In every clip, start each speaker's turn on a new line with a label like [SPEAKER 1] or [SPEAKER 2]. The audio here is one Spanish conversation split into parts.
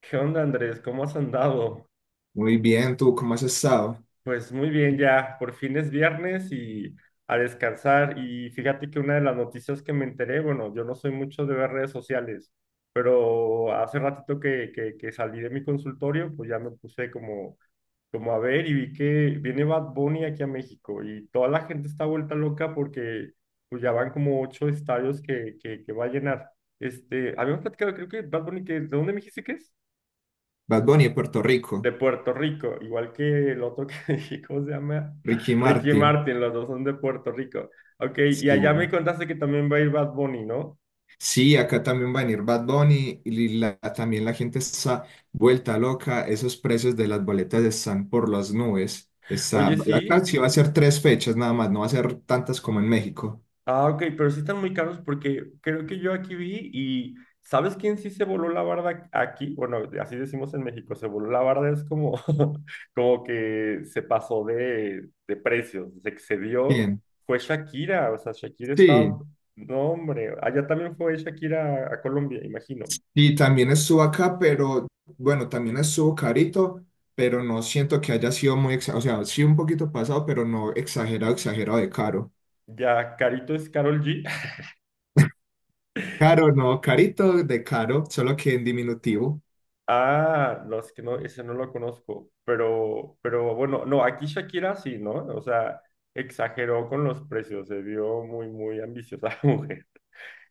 [SPEAKER 1] ¿Qué onda, Andrés? ¿Cómo has andado?
[SPEAKER 2] Muy bien, ¿tú cómo has estado?
[SPEAKER 1] Pues muy bien ya, por fin es viernes y a descansar. Y fíjate que una de las noticias que me enteré, bueno, yo no soy mucho de ver redes sociales, pero hace ratito que salí de mi consultorio, pues ya me puse como a ver y vi que viene Bad Bunny aquí a México y toda la gente está vuelta loca porque pues ya van como ocho estadios que va a llenar. Habíamos platicado, creo que Bad Bunny, ¿de dónde me dijiste que es?
[SPEAKER 2] Bad Bunny de Puerto
[SPEAKER 1] De
[SPEAKER 2] Rico,
[SPEAKER 1] Puerto Rico, igual que el otro que dije, ¿cómo se llama?
[SPEAKER 2] Ricky
[SPEAKER 1] Ricky
[SPEAKER 2] Martin.
[SPEAKER 1] Martin, los dos son de Puerto Rico. Ok, y
[SPEAKER 2] Sí,
[SPEAKER 1] allá me contaste que también va a ir Bad Bunny, ¿no?
[SPEAKER 2] sí, acá también va a venir Bad Bunny y también la gente está vuelta loca. Esos precios de las boletas están por las nubes.
[SPEAKER 1] Oye, sí.
[SPEAKER 2] Acá sí va a ser tres fechas nada más, no va a ser tantas como en México.
[SPEAKER 1] Ah, ok, pero sí están muy caros porque creo que yo aquí vi y ¿sabes quién sí se voló la barda aquí? Bueno, así decimos en México, se voló la barda, es como, como que se pasó de precios, se excedió.
[SPEAKER 2] Bien,
[SPEAKER 1] Fue Shakira, o sea, Shakira
[SPEAKER 2] sí,
[SPEAKER 1] estaba, no hombre, allá también fue Shakira a Colombia, imagino.
[SPEAKER 2] y también estuvo acá, pero bueno, también estuvo carito, pero no siento que haya sido muy, o sea, sí un poquito pasado, pero no exagerado, exagerado de caro.
[SPEAKER 1] Ya, Carito es Carol G.
[SPEAKER 2] Caro, no, carito de caro, solo que en diminutivo.
[SPEAKER 1] Ah, no, es que no, ese no lo conozco. Pero bueno, no, aquí Shakira sí, ¿no? O sea, exageró con los precios, se vio muy, muy ambiciosa la mujer.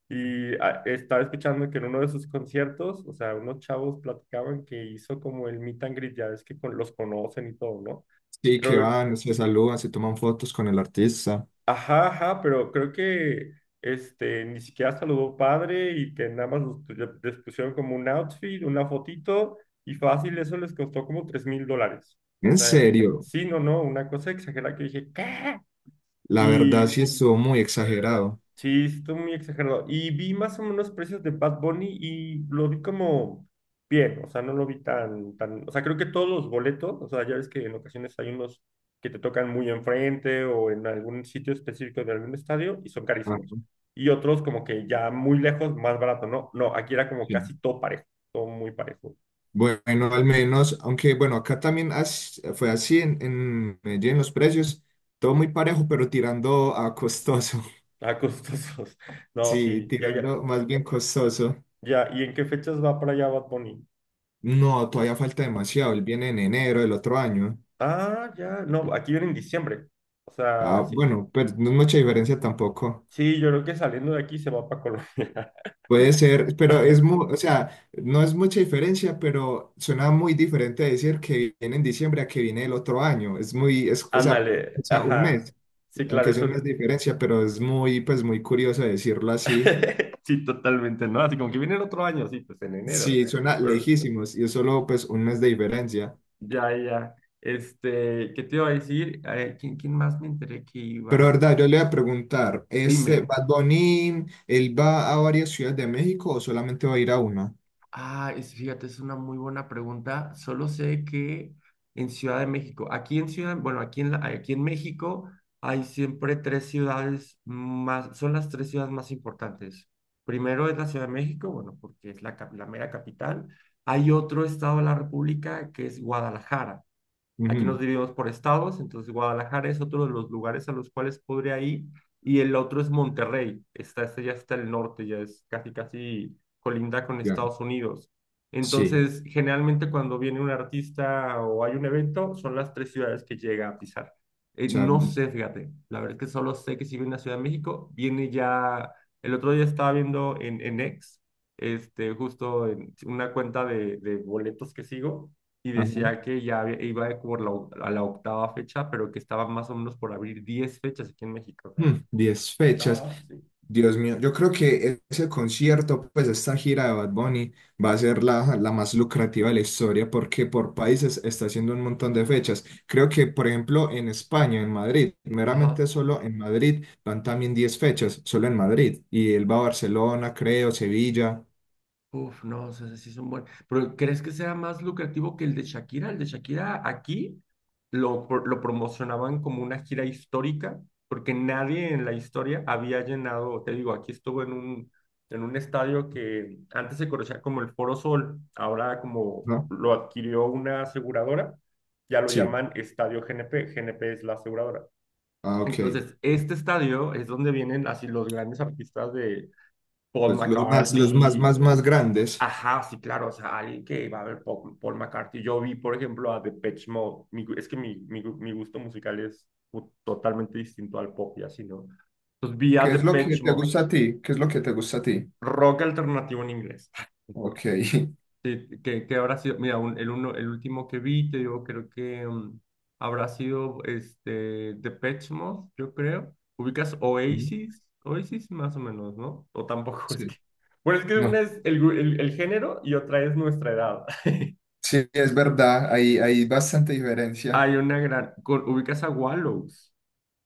[SPEAKER 1] Y ah, estaba escuchando que en uno de sus conciertos, o sea, unos chavos platicaban que hizo como el meet and greet, ya ves que los conocen y todo, ¿no?
[SPEAKER 2] Sí, que
[SPEAKER 1] Pero
[SPEAKER 2] van, se saludan, se toman fotos con el artista.
[SPEAKER 1] ajá, ajá, pero creo que este ni siquiera saludó padre y que nada más les pusieron como un outfit, una fotito y fácil, eso les costó como $3,000. O
[SPEAKER 2] En
[SPEAKER 1] sea,
[SPEAKER 2] serio,
[SPEAKER 1] sí, no, no, una cosa exagerada que dije, ¿qué?
[SPEAKER 2] la verdad sí estuvo muy exagerado.
[SPEAKER 1] Sí, sí, estuvo muy exagerado. Y vi más o menos precios de Bad Bunny y lo vi como bien, o sea, no lo vi tan, o sea, creo que todos los boletos, o sea, ya ves que en ocasiones hay unos que te tocan muy enfrente o en algún sitio específico de algún estadio y son carísimos.
[SPEAKER 2] Ajá,
[SPEAKER 1] Y otros como que ya muy lejos, más barato, ¿no? No, aquí era como
[SPEAKER 2] sí.
[SPEAKER 1] casi todo parejo, todo muy parejo.
[SPEAKER 2] Bueno, al menos, aunque bueno, acá también fue así en Medellín, los precios, todo muy parejo, pero tirando a costoso.
[SPEAKER 1] Ah, costosos. No,
[SPEAKER 2] Sí,
[SPEAKER 1] sí, ya, ya,
[SPEAKER 2] tirando más bien costoso.
[SPEAKER 1] ya. ¿Y en qué fechas va para allá Bad Bunny?
[SPEAKER 2] No, todavía falta demasiado, él viene en enero del otro año.
[SPEAKER 1] Ah, ya, no, aquí viene en diciembre. O
[SPEAKER 2] Ah,
[SPEAKER 1] sea, sí,
[SPEAKER 2] bueno, pero no es mucha diferencia tampoco.
[SPEAKER 1] sí, yo creo que saliendo de aquí se va para Colombia.
[SPEAKER 2] Puede ser, pero es o sea, no es mucha diferencia, pero suena muy diferente decir que viene en diciembre a que viene el otro año. Es muy, es, o sea, o
[SPEAKER 1] Ándale,
[SPEAKER 2] sea, un
[SPEAKER 1] ajá.
[SPEAKER 2] mes,
[SPEAKER 1] Sí, claro,
[SPEAKER 2] aunque sea
[SPEAKER 1] eso.
[SPEAKER 2] un mes de diferencia, pero es muy, pues muy curioso decirlo así.
[SPEAKER 1] Sí, totalmente, ¿no? Así como que viene el otro año, sí, pues en enero.
[SPEAKER 2] Sí, suena
[SPEAKER 1] Pero
[SPEAKER 2] lejísimos y es solo pues un mes de diferencia.
[SPEAKER 1] ya, ya. ¿Qué te iba a decir? ¿Quién más me enteré que
[SPEAKER 2] Pero
[SPEAKER 1] iba?
[SPEAKER 2] verdad, yo le voy a preguntar, ¿este
[SPEAKER 1] Dime.
[SPEAKER 2] Bad Bunny, él va a varias ciudades de México o solamente va a ir a una?
[SPEAKER 1] Ah, fíjate, es una muy buena pregunta. Solo sé que en Ciudad de México, aquí en Ciudad, bueno, aquí en México hay siempre tres ciudades más, son las tres ciudades más importantes. Primero es la Ciudad de México, bueno, porque es la mera capital. Hay otro estado de la República que es Guadalajara. Aquí nos
[SPEAKER 2] Ujú,
[SPEAKER 1] dividimos por estados, entonces Guadalajara es otro de los lugares a los cuales podría ir y el otro es Monterrey, está, este ya está el norte, ya es casi casi colinda con
[SPEAKER 2] ya,
[SPEAKER 1] Estados Unidos.
[SPEAKER 2] sí,
[SPEAKER 1] Entonces, generalmente cuando viene un artista o hay un evento, son las tres ciudades que llega a pisar.
[SPEAKER 2] o sea,
[SPEAKER 1] No sé, fíjate, la verdad es que solo sé que si viene a Ciudad de México, viene ya, el otro día estaba viendo en X, justo en una cuenta de boletos que sigo y
[SPEAKER 2] ajá.
[SPEAKER 1] decía que ya iba a la octava fecha, pero que estaban más o menos por abrir 10 fechas aquí en México. O sea,
[SPEAKER 2] Mm, 10 fechas.
[SPEAKER 1] no, sí.
[SPEAKER 2] Dios mío, yo creo que ese concierto, pues esta gira de Bad Bunny va a ser la más lucrativa de la historia porque por países está haciendo un montón de fechas. Creo que, por ejemplo, en España, en Madrid,
[SPEAKER 1] Ajá.
[SPEAKER 2] meramente solo en Madrid van también 10 fechas, solo en Madrid. Y él va a Barcelona, creo, Sevilla,
[SPEAKER 1] Uf, no, o sea, sí es un buen. Pero ¿crees que sea más lucrativo que el de Shakira? El de Shakira aquí lo promocionaban como una gira histórica, porque nadie en la historia había llenado, te digo, aquí estuvo en un estadio que antes se conocía como el Foro Sol, ahora como
[SPEAKER 2] ¿no?
[SPEAKER 1] lo adquirió una aseguradora, ya lo
[SPEAKER 2] Sí,
[SPEAKER 1] llaman Estadio GNP, GNP es la aseguradora.
[SPEAKER 2] ah, ok.
[SPEAKER 1] Entonces, este estadio es donde vienen así los grandes artistas de Paul
[SPEAKER 2] Pues los más,
[SPEAKER 1] McCartney.
[SPEAKER 2] más, más grandes.
[SPEAKER 1] Ajá, sí, claro, o sea, alguien que va a ver Paul McCartney. Yo vi, por ejemplo, a Depeche Mode. Es que mi gusto musical es totalmente distinto al pop y así, ¿no? Entonces vi a
[SPEAKER 2] ¿Qué es lo que
[SPEAKER 1] Depeche
[SPEAKER 2] te
[SPEAKER 1] Mode,
[SPEAKER 2] gusta a ti? ¿Qué es lo que te gusta a ti?
[SPEAKER 1] rock alternativo en inglés.
[SPEAKER 2] Ok.
[SPEAKER 1] Sí, que habrá sido, mira, el último que vi, te digo, creo que habrá sido Depeche Mode, yo creo. ¿Ubicas Oasis? Oasis más o menos, ¿no? O tampoco es que...
[SPEAKER 2] Sí.
[SPEAKER 1] Bueno, es que una
[SPEAKER 2] No.
[SPEAKER 1] es el, gru- el género y otra es nuestra edad.
[SPEAKER 2] Sí, es verdad, hay bastante diferencia.
[SPEAKER 1] Hay una gran... con- ¿Ubicas a Wallows?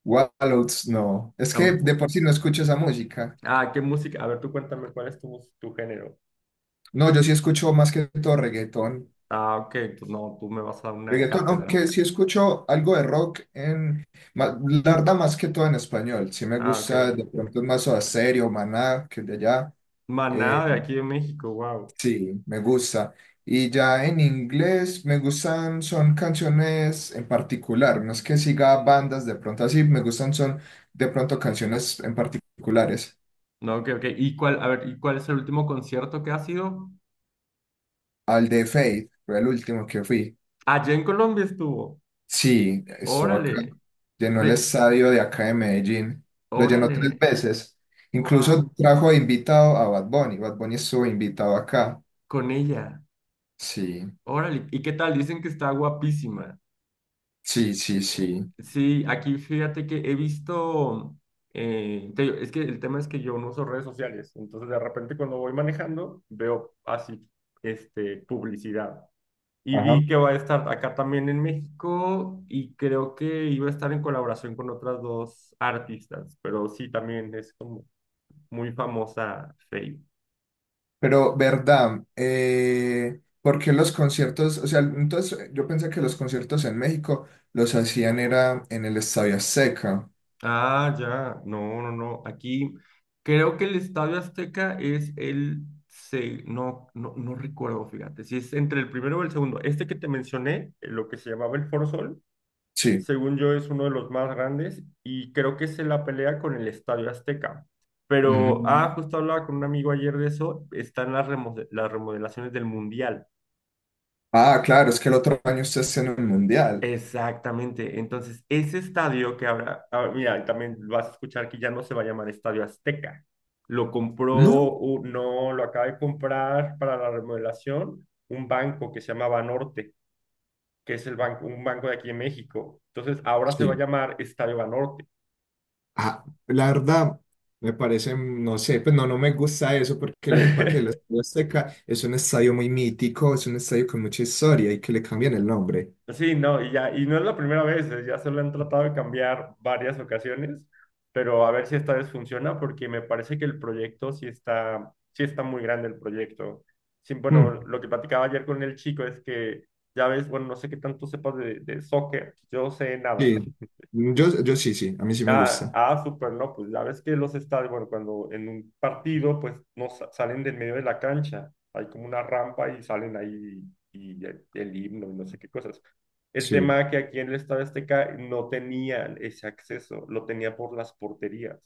[SPEAKER 2] Wallows, no. Es que de
[SPEAKER 1] Tampoco.
[SPEAKER 2] por sí no escucho esa música.
[SPEAKER 1] Ah, ¿qué música? A ver, tú cuéntame cuál es tu género.
[SPEAKER 2] No, yo sí escucho más que todo reggaetón.
[SPEAKER 1] Ah, ok. Tú, no, tú me vas a dar una
[SPEAKER 2] Reggaetón,
[SPEAKER 1] cátedra.
[SPEAKER 2] aunque sí escucho algo de rock en... La verdad, más que todo en español. Sí me
[SPEAKER 1] Ah, ok.
[SPEAKER 2] gusta, de pronto más Soda Stereo, Maná, que de allá. Eh,
[SPEAKER 1] Maná de aquí de México, wow.
[SPEAKER 2] sí, me gusta. Y ya en inglés me gustan, son canciones en particular. No es que siga bandas, de pronto así, me gustan, son de pronto canciones en particulares.
[SPEAKER 1] No, ok, ok. A ver, ¿y cuál es el último concierto que ha sido?
[SPEAKER 2] Al de Fate, fue el último que fui.
[SPEAKER 1] Allá en Colombia estuvo.
[SPEAKER 2] Sí, estuvo acá.
[SPEAKER 1] Órale.
[SPEAKER 2] Llenó
[SPEAKER 1] Sí,
[SPEAKER 2] el estadio de acá de Medellín. Lo llenó tres
[SPEAKER 1] órale.
[SPEAKER 2] veces. Incluso
[SPEAKER 1] Wow.
[SPEAKER 2] trajo de invitado a Bad Bunny. Bad Bunny estuvo invitado acá.
[SPEAKER 1] Con ella.
[SPEAKER 2] Sí,
[SPEAKER 1] Órale. ¿Y qué tal? Dicen que está guapísima.
[SPEAKER 2] sí, sí, sí.
[SPEAKER 1] Sí, aquí fíjate que he visto, te digo, es que el tema es que yo no uso redes sociales, entonces de repente cuando voy manejando veo así, publicidad. Y
[SPEAKER 2] Ajá.
[SPEAKER 1] vi que va a estar acá también en México y creo que iba a estar en colaboración con otras dos artistas, pero sí, también es como muy famosa Faye.
[SPEAKER 2] Pero, ¿verdad? ¿Por qué los conciertos? O sea, entonces yo pensé que los conciertos en México los hacían era en el Estadio Azteca.
[SPEAKER 1] Ah, ya, no, no, no. Aquí creo que el Estadio Azteca es no, no, no recuerdo, fíjate, si es entre el primero o el segundo. Este que te mencioné, lo que se llamaba el Foro Sol,
[SPEAKER 2] Sí.
[SPEAKER 1] según yo es uno de los más grandes y creo que es en la pelea con el Estadio Azteca. Pero,
[SPEAKER 2] Mm.
[SPEAKER 1] justo hablaba con un amigo ayer de eso, están las remodelaciones del Mundial.
[SPEAKER 2] Ah, claro, es que el otro año ustedes tienen el mundial.
[SPEAKER 1] Exactamente. Entonces, ese estadio que ahora, mira, también vas a escuchar que ya no se va a llamar Estadio Azteca. Lo compró,
[SPEAKER 2] No.
[SPEAKER 1] no, lo acaba de comprar para la remodelación un banco que se llama Banorte, que es el banco, un banco de aquí en México. Entonces, ahora se va a
[SPEAKER 2] Sí.
[SPEAKER 1] llamar Estadio Banorte.
[SPEAKER 2] Ah, la verdad, me parece, no sé, pues no, no me gusta eso porque para que el Estadio Azteca es un estadio muy mítico, es un estadio con mucha historia y que le cambien el nombre.
[SPEAKER 1] Sí, no, y ya, y no es la primera vez, ya se lo han tratado de cambiar varias ocasiones, pero a ver si esta vez funciona, porque me parece que el proyecto sí está, muy grande el proyecto. Sí, bueno,
[SPEAKER 2] Mm,
[SPEAKER 1] lo que platicaba ayer con el chico es que, ya ves, bueno, no sé qué tanto sepas de soccer, yo sé nada.
[SPEAKER 2] sí, mm, yo sí, sí, a mí sí me
[SPEAKER 1] Ah,
[SPEAKER 2] gusta.
[SPEAKER 1] ah, súper, no, pues la vez que los estadios, bueno, cuando en un partido, pues no sa- salen del medio de la cancha, hay como una rampa y salen ahí y el himno y no sé qué cosas. El
[SPEAKER 2] Sí.
[SPEAKER 1] tema que aquí en el Estadio Azteca no tenían ese acceso, lo tenía por las porterías.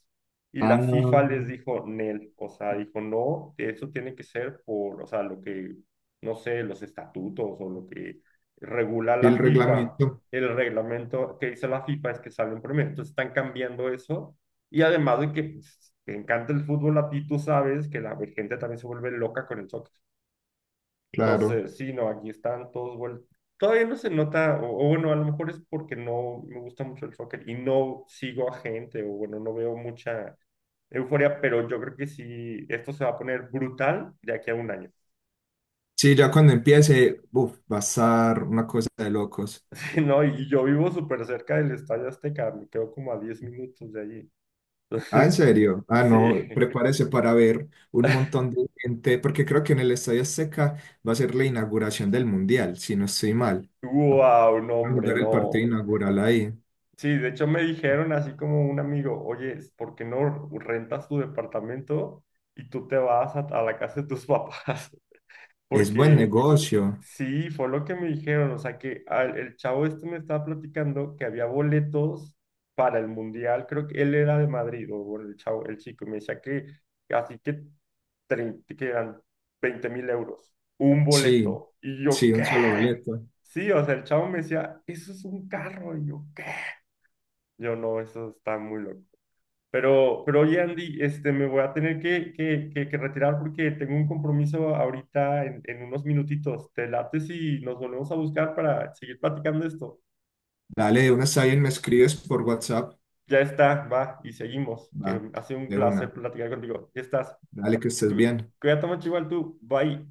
[SPEAKER 1] Y
[SPEAKER 2] Ah,
[SPEAKER 1] la FIFA les dijo, Nel, o sea, dijo, no, eso tiene que ser por, o sea, lo que, no sé, los estatutos o lo que regula
[SPEAKER 2] y el
[SPEAKER 1] la FIFA,
[SPEAKER 2] reglamento,
[SPEAKER 1] el reglamento que dice la FIFA es que sale un promedio. Entonces están cambiando eso. Y además de que pues, te encanta el fútbol a ti, tú sabes que la gente también se vuelve loca con el soccer.
[SPEAKER 2] claro.
[SPEAKER 1] Entonces, sí, no, aquí están todos vueltos. Todavía no se nota, o bueno, a lo mejor es porque no me gusta mucho el soccer y no sigo a gente, o bueno, no veo mucha euforia, pero yo creo que sí, esto se va a poner brutal de aquí a un año.
[SPEAKER 2] Sí, ya cuando empiece, uf, va a estar una cosa de locos.
[SPEAKER 1] Sí, no, y yo vivo súper cerca del Estadio Azteca, me quedo como a 10 minutos de allí.
[SPEAKER 2] Ah, ¿en
[SPEAKER 1] Entonces,
[SPEAKER 2] serio? Ah,
[SPEAKER 1] sí,
[SPEAKER 2] no, prepárese para ver un montón de gente, porque creo que en el Estadio Azteca va a ser la inauguración del Mundial, si no estoy mal.
[SPEAKER 1] wow, no,
[SPEAKER 2] A
[SPEAKER 1] hombre,
[SPEAKER 2] jugar el partido
[SPEAKER 1] no.
[SPEAKER 2] inaugural ahí.
[SPEAKER 1] Sí, de hecho me dijeron así como un amigo, oye, ¿por qué no rentas tu departamento y tú te vas a la casa de tus papás?
[SPEAKER 2] Es buen
[SPEAKER 1] Porque
[SPEAKER 2] negocio.
[SPEAKER 1] Sí, fue lo que me dijeron, o sea que el chavo este me estaba platicando que había boletos para el mundial, creo que él era de Madrid, o bueno, el chavo, el chico, y me decía que así que, 30 que eran 20.000 euros, un
[SPEAKER 2] Sí,
[SPEAKER 1] boleto, y yo,
[SPEAKER 2] sí,
[SPEAKER 1] ¿qué?
[SPEAKER 2] un solo boleto.
[SPEAKER 1] Sí, o sea, el chavo me decía, eso es un carro, y yo, ¿qué? Yo no, eso está muy loco. Pero oye, Andy, me voy a tener que retirar porque tengo un compromiso ahorita en unos minutitos. ¿Te late si nos volvemos a buscar para seguir platicando esto?
[SPEAKER 2] Dale, de una está bien, me escribes por WhatsApp.
[SPEAKER 1] Ya está, va, y seguimos.
[SPEAKER 2] Va,
[SPEAKER 1] Que ha sido un
[SPEAKER 2] de una.
[SPEAKER 1] placer platicar contigo. Ya estás.
[SPEAKER 2] Dale, que estés
[SPEAKER 1] Cu-
[SPEAKER 2] bien.
[SPEAKER 1] Cuídate mucho igual tú. Bye.